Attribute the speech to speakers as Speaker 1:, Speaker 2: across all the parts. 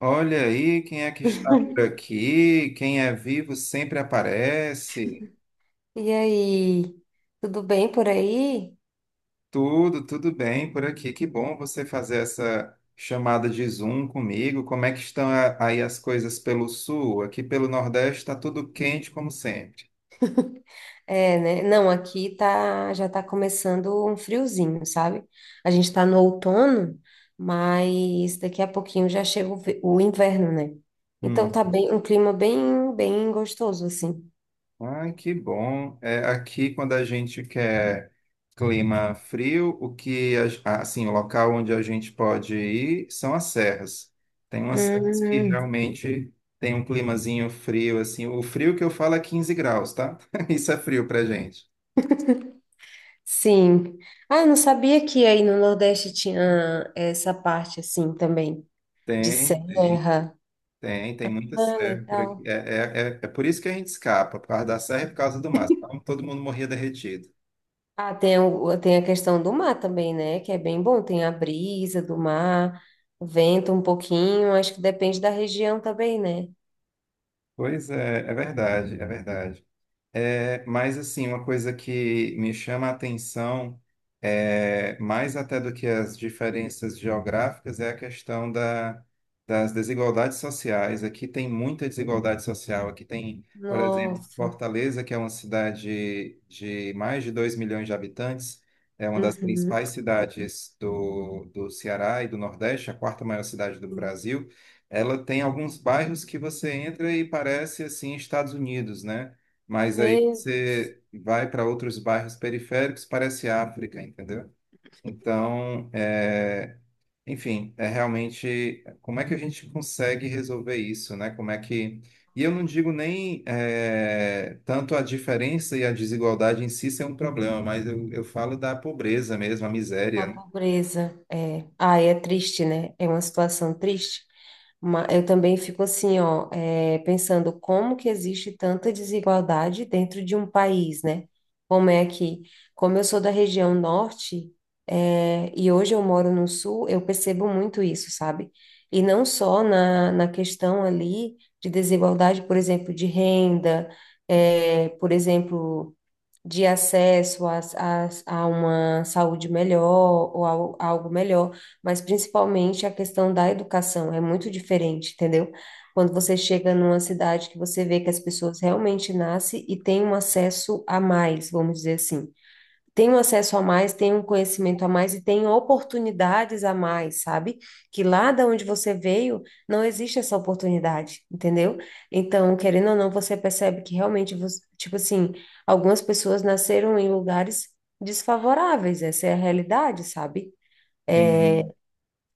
Speaker 1: Olha aí quem é que está por aqui, quem é vivo sempre aparece.
Speaker 2: E aí, tudo bem por aí?
Speaker 1: Tudo, tudo bem por aqui. Que bom você fazer essa chamada de Zoom comigo. Como é que estão aí as coisas pelo sul? Aqui pelo Nordeste está tudo quente como sempre.
Speaker 2: É, né? Não, aqui tá, já tá começando um friozinho, sabe? A gente tá no outono, mas daqui a pouquinho já chega o inverno, né? Então tá
Speaker 1: Hum.
Speaker 2: bem, um clima bem, bem gostoso, assim.
Speaker 1: Ai, que bom. É, aqui, quando a gente quer clima frio, o que, assim, o local onde a gente pode ir são as serras. Tem umas serras que
Speaker 2: Hum,
Speaker 1: realmente tem um climazinho frio, assim. O frio que eu falo é 15 graus, tá? Isso é frio pra gente.
Speaker 2: sim. Ah, eu não sabia que aí no Nordeste tinha essa parte, assim, também, de
Speaker 1: Tem, tem,
Speaker 2: serra.
Speaker 1: tem muita
Speaker 2: Ah,
Speaker 1: serra por
Speaker 2: legal.
Speaker 1: aqui. É por isso que a gente escapa, por causa da serra e por causa do mar. Senão todo mundo morria derretido.
Speaker 2: Ah, tem, tem a questão do mar também, né? Que é bem bom. Tem a brisa do mar, vento um pouquinho. Acho que depende da região também, né?
Speaker 1: Pois é, é verdade, é verdade. É, mas assim, uma coisa que me chama a atenção, mais até do que as diferenças geográficas, é a questão das desigualdades sociais. Aqui tem muita desigualdade social. Aqui tem, por exemplo,
Speaker 2: Nossa.
Speaker 1: Fortaleza, que é uma cidade de mais de 2 milhões de habitantes, é uma das
Speaker 2: Uhum.
Speaker 1: principais cidades do Ceará e do Nordeste, a quarta maior cidade do Brasil. Ela tem alguns bairros que você entra e parece assim Estados Unidos, né? Mas aí
Speaker 2: Meu Deus.
Speaker 1: você vai para outros bairros periféricos, parece África, entendeu? Então, enfim, é realmente como é que a gente consegue resolver isso, né? Como é que. E eu não digo nem tanto a diferença e a desigualdade em si ser um problema, mas eu falo da pobreza mesmo, a
Speaker 2: A
Speaker 1: miséria, né?
Speaker 2: pobreza. É. Ah, é triste, né? É uma situação triste. Eu também fico assim, ó, pensando como que existe tanta desigualdade dentro de um país, né? Como é que, como eu sou da região norte, e hoje eu moro no sul, eu percebo muito isso, sabe? E não só na questão ali de desigualdade, por exemplo, de renda, por exemplo de acesso a uma saúde melhor ou a algo melhor, mas principalmente a questão da educação é muito diferente, entendeu? Quando você chega numa cidade que você vê que as pessoas realmente nascem e têm um acesso a mais, vamos dizer assim tenho acesso a mais, tenho um conhecimento a mais e tenho oportunidades a mais, sabe? Que lá da onde você veio não existe essa oportunidade, entendeu? Então, querendo ou não, você percebe que realmente, tipo assim, algumas pessoas nasceram em lugares desfavoráveis, essa é a realidade, sabe?
Speaker 1: Sim.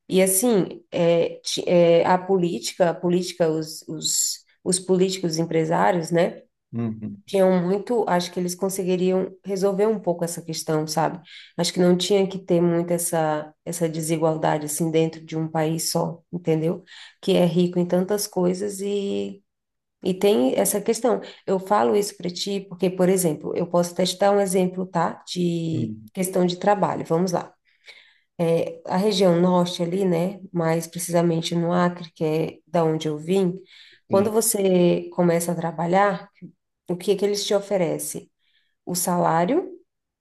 Speaker 2: E assim, a política, os políticos empresários, né?
Speaker 1: Uhum.
Speaker 2: Tinham muito, acho que eles conseguiriam resolver um pouco essa questão, sabe? Acho que não tinha que ter muito essa desigualdade assim dentro de um país só, entendeu? Que é rico em tantas coisas e tem essa questão. Eu falo isso para ti porque, por exemplo, eu posso até te dar um exemplo, tá? De
Speaker 1: Uhum.
Speaker 2: questão de trabalho. Vamos lá. A região norte ali, né, mais precisamente no Acre, que é da onde eu vim, quando
Speaker 1: Sim.
Speaker 2: você começa a trabalhar, o que que eles te oferecem? O salário,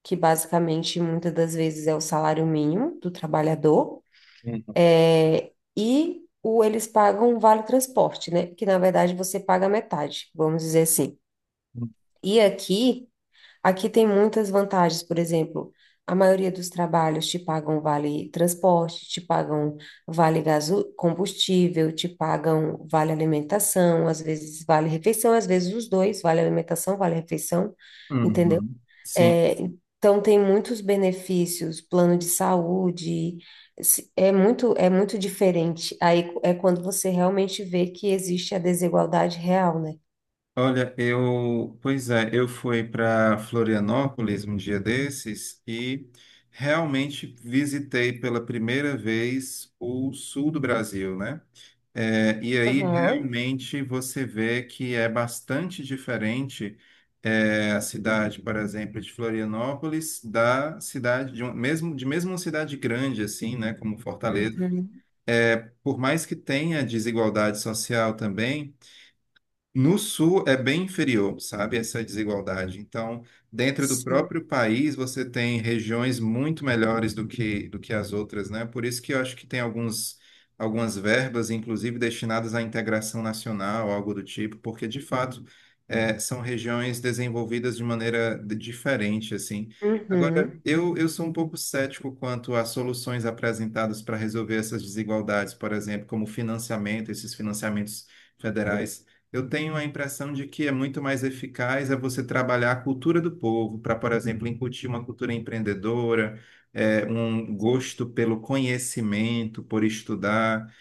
Speaker 2: que basicamente muitas das vezes é o salário mínimo do trabalhador,
Speaker 1: Uhum.
Speaker 2: é e o eles pagam o vale transporte, né? Que na verdade você paga metade, vamos dizer assim. E aqui, aqui tem muitas vantagens, por exemplo, a maioria dos trabalhos te pagam vale transporte, te pagam vale gaso combustível, te pagam vale alimentação, às vezes vale refeição, às vezes os dois, vale alimentação, vale refeição, entendeu?
Speaker 1: Uhum. Sim.
Speaker 2: É, então tem muitos benefícios, plano de saúde, é muito diferente. Aí é quando você realmente vê que existe a desigualdade real, né?
Speaker 1: Olha, pois é, eu fui para Florianópolis um dia desses e realmente visitei pela primeira vez o sul do Brasil, né? É, e aí
Speaker 2: Aham.
Speaker 1: realmente você vê que é bastante diferente a cidade, por exemplo, de Florianópolis da cidade mesmo de mesmo uma cidade grande assim, né, como Fortaleza.
Speaker 2: Uhum.
Speaker 1: Por mais que tenha desigualdade social também no sul é bem inferior, sabe, essa desigualdade. Então, dentro do
Speaker 2: Sim.
Speaker 1: próprio país, você tem regiões muito melhores do que as outras, né? Por isso que eu acho que tem algumas verbas, inclusive, destinadas à integração nacional, algo do tipo, porque, de fato, são regiões desenvolvidas de maneira diferente, assim. Agora,
Speaker 2: Uhum.
Speaker 1: eu sou um pouco cético quanto às soluções apresentadas para resolver essas desigualdades, por exemplo, como financiamento, esses financiamentos federais. Eu tenho a impressão de que é muito mais eficaz é você trabalhar a cultura do povo, para, por exemplo, incutir uma cultura empreendedora, um
Speaker 2: Sim.
Speaker 1: gosto pelo conhecimento, por estudar,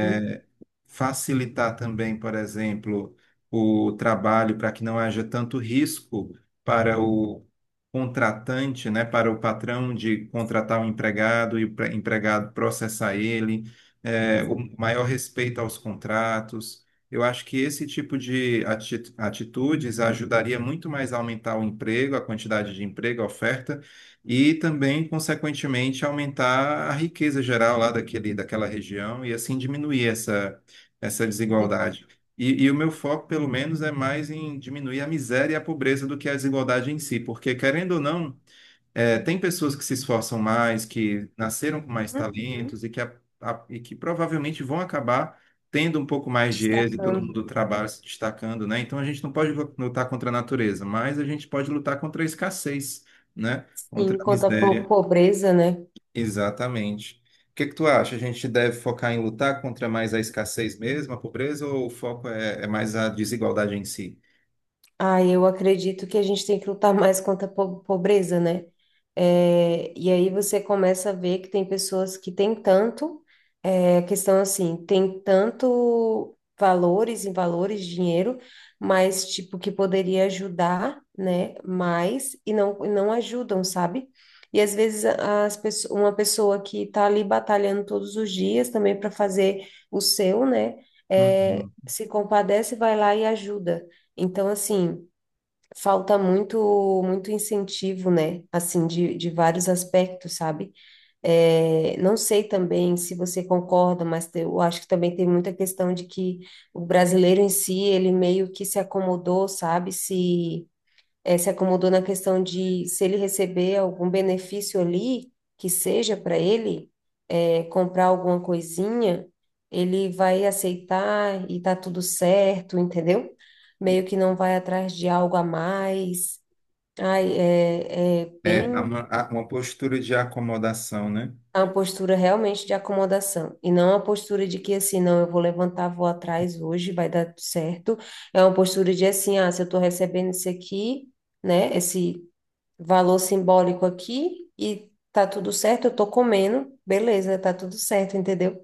Speaker 2: Uhum.
Speaker 1: facilitar também, por exemplo, o trabalho para que não haja tanto risco para o contratante, né, para o patrão de contratar um empregado e o empregado processar ele, o maior respeito aos contratos. Eu acho que esse tipo de atitudes ajudaria muito mais a aumentar o emprego, a quantidade de emprego, a oferta, e também, consequentemente, aumentar a riqueza geral lá daquela região e assim diminuir essa
Speaker 2: Desigual.
Speaker 1: desigualdade. E o meu foco, pelo menos, é mais em diminuir a miséria e a pobreza do que a desigualdade em si, porque, querendo ou
Speaker 2: Sim.
Speaker 1: não, tem pessoas que se esforçam mais, que nasceram com mais
Speaker 2: Uhum.
Speaker 1: talentos e que provavelmente vão acabar tendo um pouco mais de êxito no mundo
Speaker 2: Destacando.
Speaker 1: do trabalho, se destacando, né? Então a gente não pode lutar contra a natureza, mas a gente pode lutar contra a escassez, né? Contra
Speaker 2: Sim,
Speaker 1: a
Speaker 2: quanto à
Speaker 1: miséria.
Speaker 2: pobreza, né?
Speaker 1: Exatamente. O que que tu acha? A gente deve focar em lutar contra mais a escassez mesmo, a pobreza, ou o foco é mais a desigualdade em si?
Speaker 2: Ah, eu acredito que a gente tem que lutar mais contra a pobreza, né? É, e aí você começa a ver que tem pessoas que têm tanto, é, a questão assim, tem tanto valores e valores, dinheiro, mas tipo, que poderia ajudar, né? Mais e não ajudam, sabe? E às vezes uma pessoa que tá ali batalhando todos os dias também para fazer o seu, né? É,
Speaker 1: Uhum.
Speaker 2: se compadece, vai lá e ajuda. Então, assim, falta muito muito incentivo, né? Assim, de vários aspectos, sabe? É, não sei também se você concorda, mas eu acho que também tem muita questão de que o brasileiro em si, ele meio que se acomodou, sabe? Se acomodou na questão de se ele receber algum benefício ali, que seja para ele, comprar alguma coisinha, ele vai aceitar e tá tudo certo, entendeu? Meio que não vai atrás de algo a mais. Ai, é, é
Speaker 1: É É,
Speaker 2: bem
Speaker 1: a- a- uma postura de acomodação, né?
Speaker 2: uma postura realmente de acomodação. E não uma postura de que assim, não, eu vou levantar, vou atrás hoje, vai dar tudo certo. É uma postura de assim, ah, se eu tô recebendo isso aqui, né? Esse valor simbólico aqui e tá tudo certo, eu tô comendo, beleza, tá tudo certo, entendeu?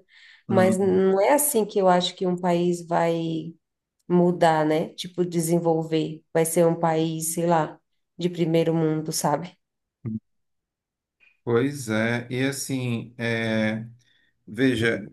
Speaker 2: Mas
Speaker 1: Hum.
Speaker 2: não é assim que eu acho que um país vai mudar, né? Tipo, desenvolver, vai ser um país, sei lá, de primeiro mundo, sabe?
Speaker 1: Pois é, e assim, veja,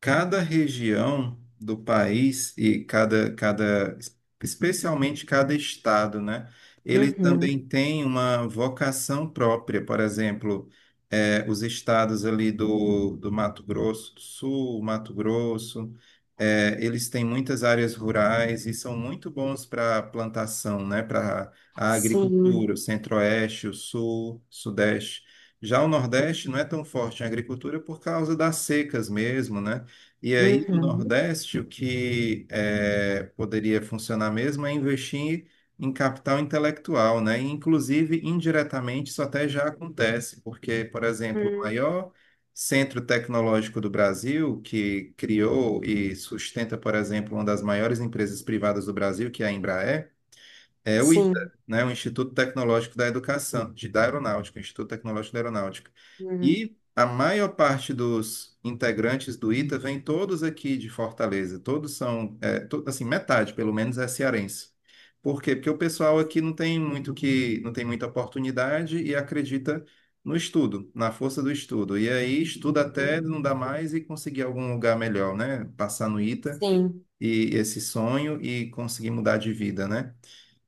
Speaker 1: cada região do país e cada, especialmente cada estado, né? Ele também
Speaker 2: Uhum.
Speaker 1: tem uma vocação própria. Por exemplo, os estados ali do Mato Grosso do Sul, Mato Grosso, eles têm muitas áreas rurais e são muito bons para plantação, né? Para a agricultura,
Speaker 2: Sim.
Speaker 1: o Centro-Oeste, o Sul, Sudeste. Já o Nordeste não é tão forte em agricultura por causa das secas mesmo, né? E aí, no
Speaker 2: Uhum.
Speaker 1: Nordeste, o que poderia funcionar mesmo é investir em capital intelectual, né? E, inclusive, indiretamente, isso até já acontece, porque, por exemplo, o
Speaker 2: Hum.
Speaker 1: maior centro tecnológico do Brasil, que criou e sustenta, por exemplo, uma das maiores empresas privadas do Brasil, que é a Embraer, é o ITA,
Speaker 2: Sim.
Speaker 1: né? O Instituto Tecnológico da Educação, de, da Aeronáutica, o Instituto Tecnológico da Aeronáutica.
Speaker 2: Uhum.
Speaker 1: E a maior parte dos integrantes do ITA vem todos aqui de Fortaleza, todos são, assim, metade pelo menos é cearense. Por quê? Porque o pessoal aqui não tem muita oportunidade e acredita no estudo, na força do estudo. E aí estuda até não dá mais e conseguir algum lugar melhor, né? Passar no ITA
Speaker 2: Sim.
Speaker 1: e esse sonho e conseguir mudar de vida, né?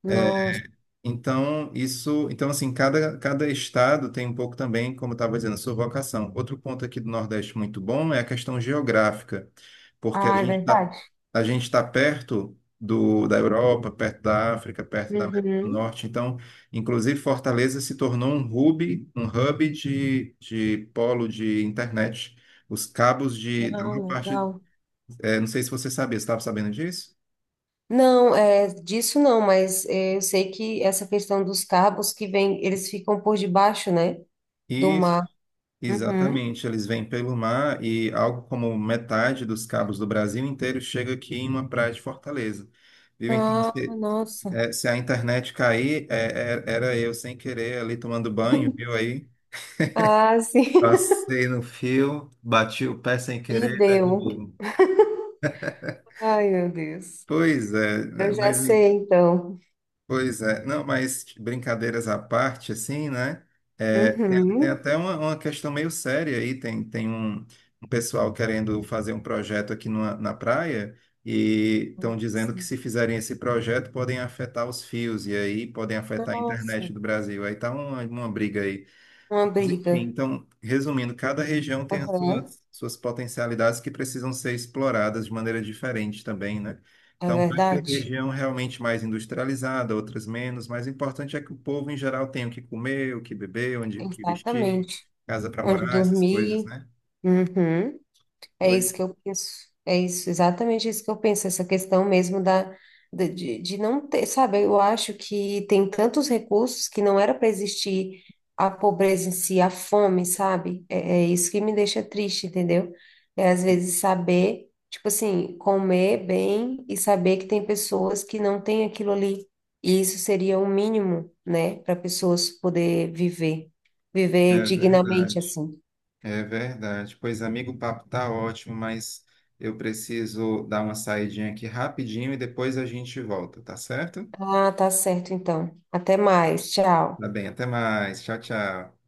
Speaker 2: Nossa.
Speaker 1: Então, então assim, cada estado tem um pouco também, como eu estava dizendo, a sua vocação. Outro ponto aqui do Nordeste muito bom é a questão geográfica, porque
Speaker 2: Ah, é verdade.
Speaker 1: a gente está perto da Europa, perto da África, perto da América do
Speaker 2: Uhum.
Speaker 1: Norte. Então, inclusive, Fortaleza se tornou um hub de polo de internet. Os cabos da
Speaker 2: Ah,
Speaker 1: maior parte,
Speaker 2: legal.
Speaker 1: não sei se você sabia, você estava sabendo disso?
Speaker 2: Não, é, disso não, mas é, eu sei que essa questão dos cabos que vem, eles ficam por debaixo, né, do
Speaker 1: Isso,
Speaker 2: mar. Uhum.
Speaker 1: exatamente. Eles vêm pelo mar e algo como metade dos cabos do Brasil inteiro chega aqui em uma praia de Fortaleza. Viu? Então,
Speaker 2: Ah,
Speaker 1: se,
Speaker 2: nossa.
Speaker 1: é, se a internet cair, era eu sem querer ali tomando banho, viu aí?
Speaker 2: Ah, sim.
Speaker 1: Passei no fio, bati o pé sem
Speaker 2: E
Speaker 1: querer,
Speaker 2: deu.
Speaker 1: derrubei.
Speaker 2: Ai, meu Deus.
Speaker 1: Pois é, né?
Speaker 2: Eu já
Speaker 1: Mas
Speaker 2: sei, então.
Speaker 1: Pois é, não, mas brincadeiras à parte, assim, né? É, tem
Speaker 2: Uhum.
Speaker 1: até uma questão meio séria aí. Tem um pessoal querendo fazer um projeto aqui na praia e estão dizendo
Speaker 2: Nossa.
Speaker 1: que se fizerem esse projeto podem afetar os fios e aí podem afetar a
Speaker 2: Nossa.
Speaker 1: internet do Brasil. Aí tá uma briga aí.
Speaker 2: Uma
Speaker 1: Mas, enfim,
Speaker 2: briga.
Speaker 1: então, resumindo, cada região tem as
Speaker 2: Aham.
Speaker 1: suas potencialidades que precisam ser exploradas de maneira diferente também, né?
Speaker 2: É
Speaker 1: Então, vai ter
Speaker 2: verdade?
Speaker 1: região realmente mais industrializada, outras menos, mas o importante é que o povo, em geral, tenha o que comer, o que beber, onde, o que vestir,
Speaker 2: Exatamente.
Speaker 1: casa para
Speaker 2: Onde
Speaker 1: morar, essas coisas,
Speaker 2: dormir.
Speaker 1: né?
Speaker 2: Uhum. É
Speaker 1: Pois
Speaker 2: isso que eu penso. É isso, exatamente isso que eu penso, essa questão mesmo de não ter, sabe? Eu acho que tem tantos recursos que não era para existir a pobreza em si, a fome, sabe? É, é isso que me deixa triste, entendeu? É às vezes saber, tipo assim, comer bem e saber que tem pessoas que não têm aquilo ali. E isso seria o mínimo, né, para pessoas poder viver, viver
Speaker 1: é
Speaker 2: dignamente
Speaker 1: verdade.
Speaker 2: assim.
Speaker 1: É verdade. Pois, amigo, o papo tá ótimo, mas eu preciso dar uma saidinha aqui rapidinho e depois a gente volta, tá certo?
Speaker 2: Ah, tá certo, então. Até mais. Tchau.
Speaker 1: Tá bem, até mais. Tchau, tchau.